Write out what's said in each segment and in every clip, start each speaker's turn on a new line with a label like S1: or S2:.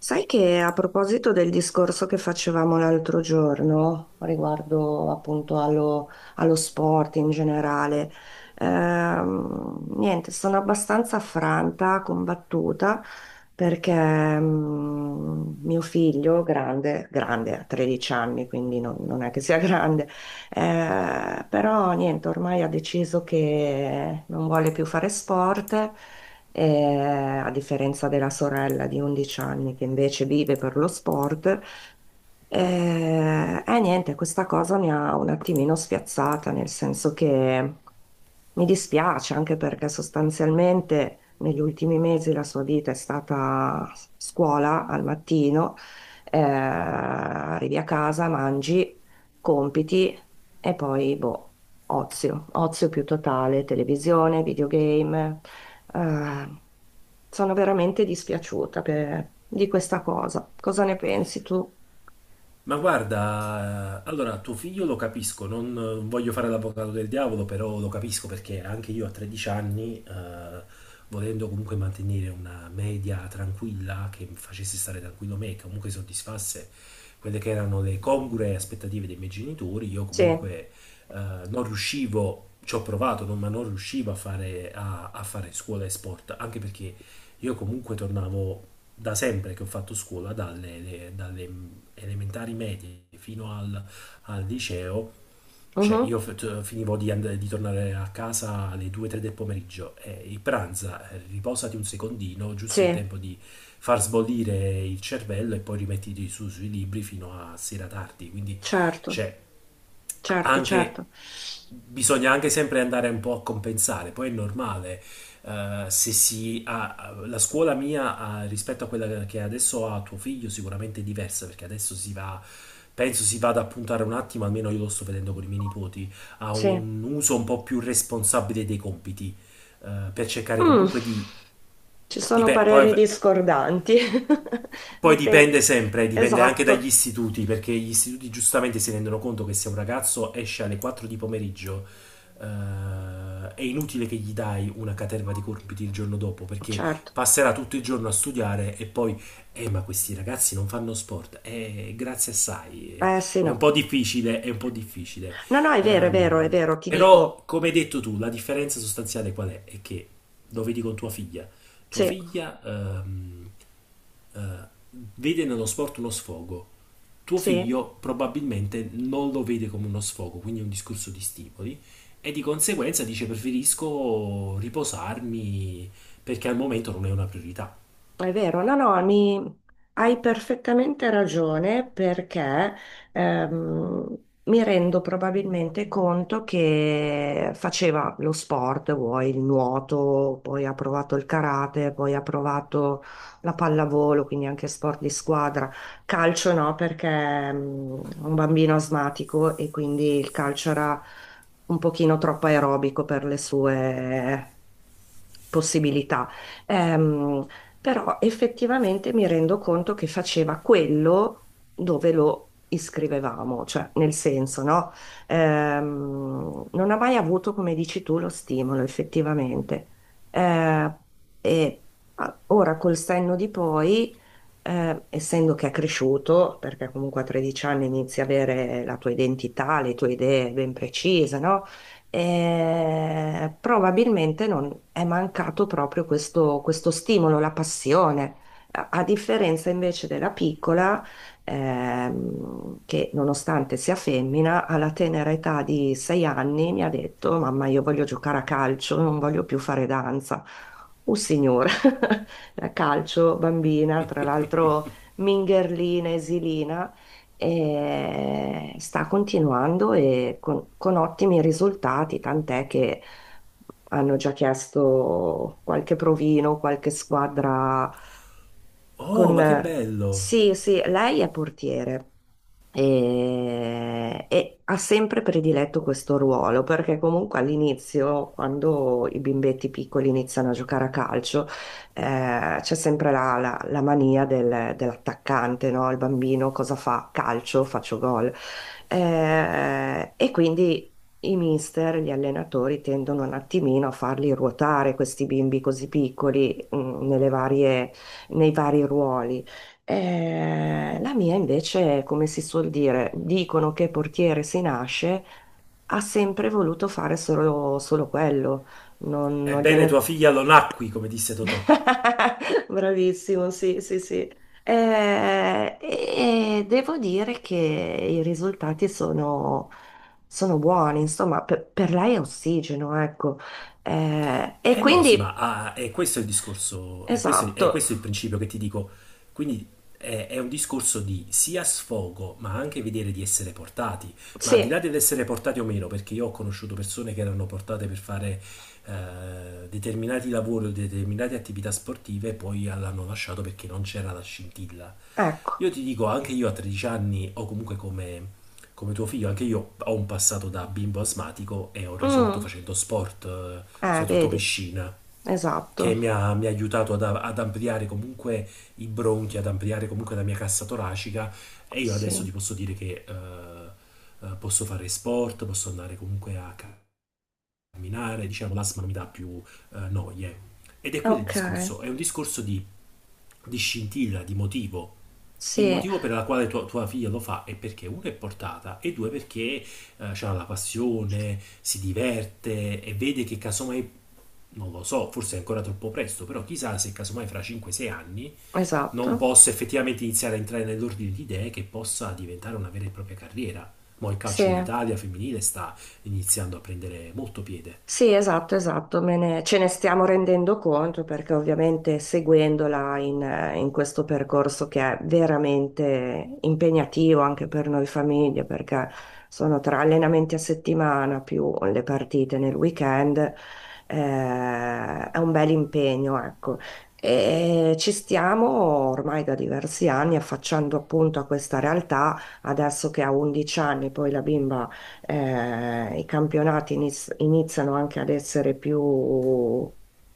S1: Sai che a proposito del discorso che facevamo l'altro giorno riguardo appunto allo sport in generale, niente, sono abbastanza affranta, combattuta perché mio figlio, grande, grande, ha 13 anni, quindi non è che sia grande, però niente, ormai ha deciso che non vuole più fare sport, eh, a differenza della sorella di 11 anni che invece vive per lo sport. E niente, questa cosa mi ha un attimino spiazzata, nel senso che mi dispiace anche perché sostanzialmente negli ultimi mesi la sua vita è stata scuola al mattino, arrivi a casa, mangi, compiti e poi boh, ozio, ozio più totale, televisione, videogame. eh, Sono veramente dispiaciuta di questa cosa. Cosa ne pensi tu?
S2: Ma guarda, allora tuo figlio lo capisco, non voglio fare l'avvocato del diavolo, però lo capisco perché anche io a 13 anni, volendo comunque mantenere una media tranquilla, che mi facesse stare tranquillo me, che comunque soddisfasse quelle che erano le congrue aspettative dei miei genitori, io
S1: Sì,
S2: comunque eh, non riuscivo, ci ho provato, ma non riuscivo a fare, a fare scuola e sport, anche perché io comunque tornavo da sempre che ho fatto scuola, dalle elementari medie fino al liceo, cioè
S1: mhm,
S2: io finivo di tornare a casa alle 2-3 del pomeriggio e il pranza, riposati un secondino, giusto il
S1: sì,
S2: tempo di far sbollire il cervello e poi rimettiti su sui libri fino a sera tardi, quindi
S1: certo,
S2: cioè,
S1: certo,
S2: anche
S1: certo.
S2: bisogna anche sempre andare un po' a compensare, poi è normale. Se si ha, la scuola mia ha- rispetto a quella che adesso ha tuo figlio, sicuramente è diversa, perché adesso si va, penso si vada a puntare un attimo, almeno io lo sto vedendo con i miei nipoti, a
S1: Sì.
S2: un uso un po' più responsabile dei compiti, per cercare
S1: Mm,
S2: comunque di,
S1: Ci
S2: di
S1: sono
S2: pe- poi
S1: pareri discordanti.
S2: poi dipende
S1: Dipende.
S2: sempre, dipende anche dagli
S1: Esatto,
S2: istituti, perché gli istituti giustamente si rendono conto che se un ragazzo esce alle 4 di pomeriggio, è inutile che gli dai una caterva di compiti il giorno dopo, perché
S1: certo.
S2: passerà tutto il giorno a studiare e poi ma questi ragazzi non fanno sport, grazie assai,
S1: Eh sì,
S2: è un po'
S1: no.
S2: difficile, è un po' difficile.
S1: No, no, è vero, è vero, è
S2: Ehm,
S1: vero, ti
S2: Però,
S1: dico.
S2: come hai detto tu, la differenza sostanziale qual è? È che lo vedi con tua figlia. Tua
S1: Sì,
S2: figlia... ehm, eh, vede nello sport uno sfogo, tuo
S1: sì.
S2: figlio probabilmente non lo vede come uno sfogo, quindi è un discorso di stimoli e di conseguenza dice preferisco riposarmi perché al momento non è una priorità.
S1: È vero, no, no, mi. Hai perfettamente ragione perché ehm, mi rendo probabilmente conto che faceva lo sport, vuoi il nuoto, poi ha provato il karate, poi ha provato la pallavolo, quindi anche sport di squadra. Calcio no, perché è un bambino asmatico e quindi il calcio era un pochino troppo aerobico per le sue possibilità. Ehm, Però effettivamente mi rendo conto che faceva quello dove lo iscrivevamo, cioè nel senso, no? Non ha mai avuto, come dici tu, lo stimolo effettivamente. Eh, e Ora col senno di poi, essendo che è cresciuto, perché comunque a 13 anni inizi a avere la tua identità, le tue idee ben precise, no? Probabilmente non è mancato proprio questo, questo stimolo, la passione. A differenza invece della piccola, che nonostante sia femmina, alla tenera età di sei anni mi ha detto: Mamma, io voglio giocare a calcio, non voglio più fare danza. Oh signora, a calcio, bambina, tra l'altro mingherlina, esilina e sta continuando e con ottimi risultati, tant'è che hanno già chiesto qualche provino, qualche squadra
S2: Oh, ma che
S1: con...
S2: bello!
S1: Sì, sì, lei è portiere. E ha sempre prediletto questo ruolo perché comunque all'inizio, quando i bimbetti piccoli iniziano a giocare a calcio, c'è sempre la mania dell'attaccante, no? Il bambino cosa fa? Calcio, faccio gol. E quindi i mister, gli allenatori tendono un attimino a farli ruotare questi bimbi così piccoli, nelle nei vari ruoli. La mia invece, come si suol dire, dicono che portiere si nasce, ha sempre voluto fare solo, solo quello, non
S2: Ebbene, tua
S1: gliene.
S2: figlia lo nacqui, come disse Totò.
S1: Bravissimo, sì, sì, sì. E devo dire che i risultati sono buoni, insomma, per lei è ossigeno, ecco. Eh, e
S2: Eh no, sì, ma
S1: quindi,
S2: ah, è questo il discorso, è
S1: esatto,
S2: questo il principio che ti dico. Quindi è un discorso di sia sfogo, ma anche vedere di essere portati. Ma al di là
S1: sì,
S2: dell'essere portati o meno, perché io ho conosciuto persone che erano portate per fare determinati lavori o determinate attività sportive e poi l'hanno lasciato perché non c'era la scintilla.
S1: ecco.
S2: Io ti dico, anche io a 13 anni, o comunque come tuo figlio, anche io ho un passato da bimbo asmatico e ho risolto
S1: Mm,
S2: facendo sport, soprattutto
S1: Vedi,
S2: piscina,
S1: esatto.
S2: mi ha aiutato ad ampliare comunque i bronchi, ad ampliare comunque la mia cassa toracica e io adesso
S1: Sì,
S2: ti posso dire che posso fare sport, posso andare comunque a camminare, diciamo l'asma non mi dà più noie. Ed è quello il
S1: ok,
S2: discorso, è un discorso di scintilla, di motivo, il
S1: sì,
S2: motivo per la quale tua figlia lo fa è perché uno è portata e due perché ha la passione, si diverte e vede che casomai, non lo so, forse è ancora troppo presto, però chissà se casomai fra 5-6 anni non
S1: esatto,
S2: possa effettivamente iniziare a entrare nell'ordine di idee che possa diventare una vera e propria carriera. Ma il
S1: sì.
S2: calcio in Italia femminile sta iniziando a prendere molto piede.
S1: Sì, esatto, esatto, ce ne stiamo rendendo conto perché ovviamente seguendola in questo percorso che è veramente impegnativo anche per noi famiglie, perché sono tre allenamenti a settimana più le partite nel weekend, è un bel impegno, ecco. E ci stiamo ormai da diversi anni affacciando appunto a questa realtà, adesso che ha 11 anni, poi la bimba i campionati iniziano anche ad essere più,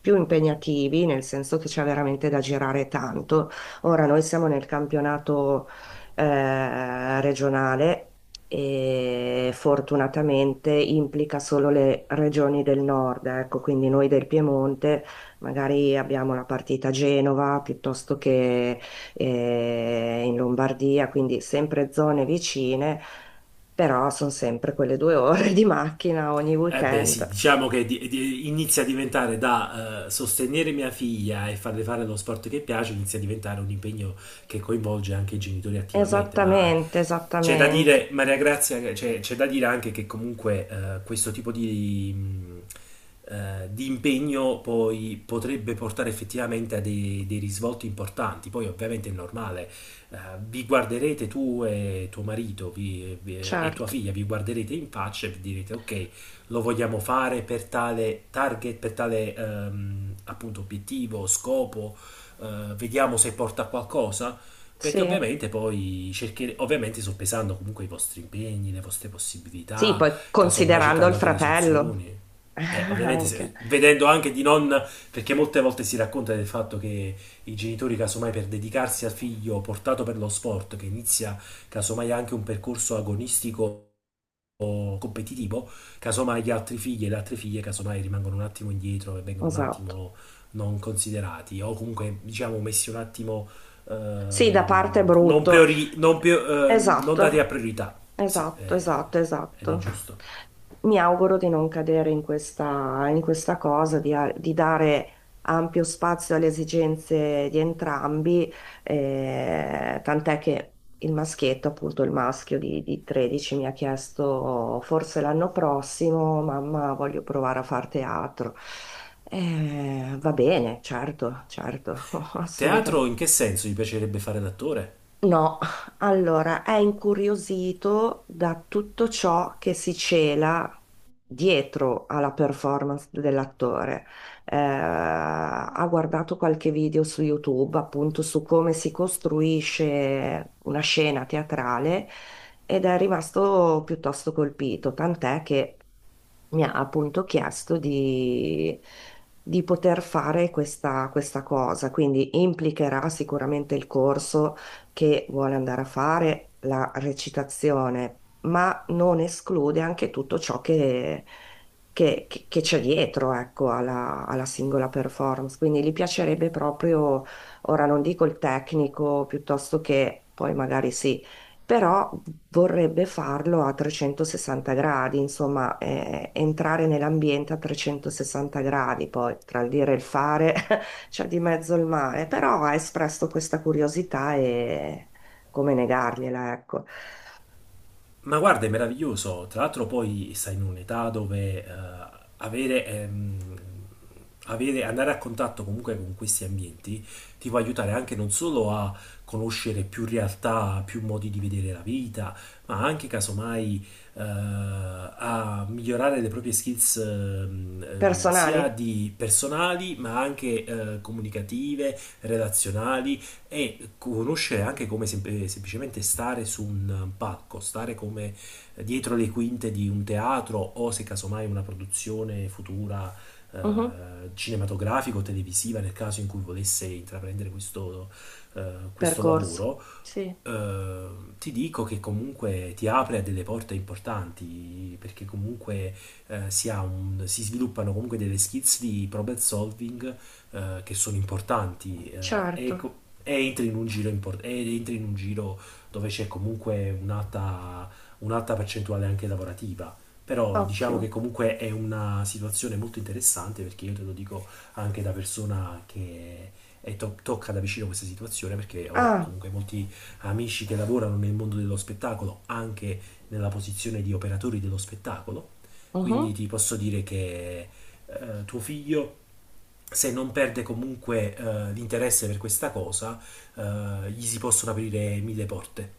S1: più impegnativi, nel senso che c'è veramente da girare tanto. Ora noi siamo nel campionato regionale. E fortunatamente implica solo le regioni del nord, ecco, quindi noi del Piemonte magari abbiamo la partita a Genova piuttosto che in Lombardia, quindi sempre zone vicine però sono sempre quelle due ore di macchina ogni
S2: Eh beh, sì,
S1: weekend.
S2: diciamo che inizia a diventare da sostenere mia figlia e farle fare lo sport che piace, inizia a diventare un impegno che coinvolge anche i genitori attivamente, ma
S1: Esattamente,
S2: c'è da
S1: esattamente.
S2: dire, Maria Grazia, che c'è da dire anche che comunque questo tipo di impegno poi potrebbe portare effettivamente a dei risvolti importanti. Poi ovviamente è normale, eh, vi guarderete tu e tuo marito e tua
S1: Certo,
S2: figlia, vi guarderete in faccia e vi direte ok, lo vogliamo fare per tale target, per tale appunto obiettivo, scopo, vediamo se porta a qualcosa, perché
S1: sì.
S2: ovviamente poi cerchere, ovviamente soppesando comunque i vostri impegni, le vostre
S1: Sì,
S2: possibilità,
S1: poi
S2: casomai
S1: considerando il
S2: cercando anche delle
S1: fratello.
S2: soluzioni. Ovviamente
S1: Anche.
S2: vedendo anche di non, perché molte volte si racconta del fatto che i genitori casomai per dedicarsi al figlio portato per lo sport, che inizia casomai anche un percorso agonistico competitivo, casomai gli altri figli e le altre figlie casomai rimangono un attimo indietro e vengono un
S1: Esatto.
S2: attimo non considerati o comunque diciamo messi un attimo
S1: Sì, da parte è brutto.
S2: non dati a
S1: Esatto.
S2: priorità. Sì,
S1: Esatto, esatto,
S2: ed è
S1: esatto.
S2: giusto.
S1: Mi auguro di non cadere in questa cosa, di dare ampio spazio alle esigenze di entrambi, tant'è che il maschietto, appunto il maschio di 13, mi ha chiesto forse l'anno prossimo, mamma, voglio provare a far teatro. Va bene, certo, certo, assolutamente.
S2: Teatro, in che senso? Gli piacerebbe fare l'attore?
S1: No, allora è incuriosito da tutto ciò che si cela dietro alla performance dell'attore. Ha guardato qualche video su YouTube appunto su come si costruisce una scena teatrale ed è rimasto piuttosto colpito, tant'è che mi ha appunto chiesto di poter fare questa, questa cosa, quindi implicherà sicuramente il corso che vuole andare a fare, la recitazione, ma non esclude anche tutto ciò che, che c'è dietro, ecco, alla singola performance. Quindi gli piacerebbe proprio, ora non dico il tecnico, piuttosto che poi magari sì però vorrebbe farlo a 360 gradi, insomma, entrare nell'ambiente a 360 gradi, poi tra il dire e il fare c'è di mezzo il mare, però ha espresso questa curiosità e come negargliela, ecco.
S2: Ma guarda, è meraviglioso. Tra l'altro poi stai in un'età dove avere, ehm, andare a contatto comunque con questi ambienti ti può aiutare anche non solo a conoscere più realtà, più modi di vedere la vita, ma anche casomai a migliorare le proprie skills sia
S1: Personali?
S2: di personali, ma anche comunicative, relazionali e conoscere anche come semplicemente stare su un palco, stare come dietro le quinte di un teatro o se casomai una produzione futura
S1: Mhm.
S2: cinematografica o televisiva nel caso in cui volesse intraprendere questo questo
S1: Percorso.
S2: lavoro.
S1: Sì,
S2: eh, Ti dico che comunque ti apre a delle porte importanti, perché comunque si, ha un- si sviluppano comunque delle skills di problem solving che sono importanti,
S1: certo,
S2: e entri in un giro impor- e entri in un giro dove c'è comunque un'alta percentuale anche lavorativa. Però diciamo
S1: ottimo.
S2: che comunque è una situazione molto interessante, perché io te lo dico anche da persona che tocca da vicino questa situazione, perché ho
S1: Ah,
S2: comunque molti amici che lavorano nel mondo dello spettacolo, anche nella posizione di operatori dello spettacolo. Quindi
S1: mhm.
S2: ti posso dire che tuo figlio, se non perde comunque l'interesse per questa cosa, gli si possono aprire 1000 porte.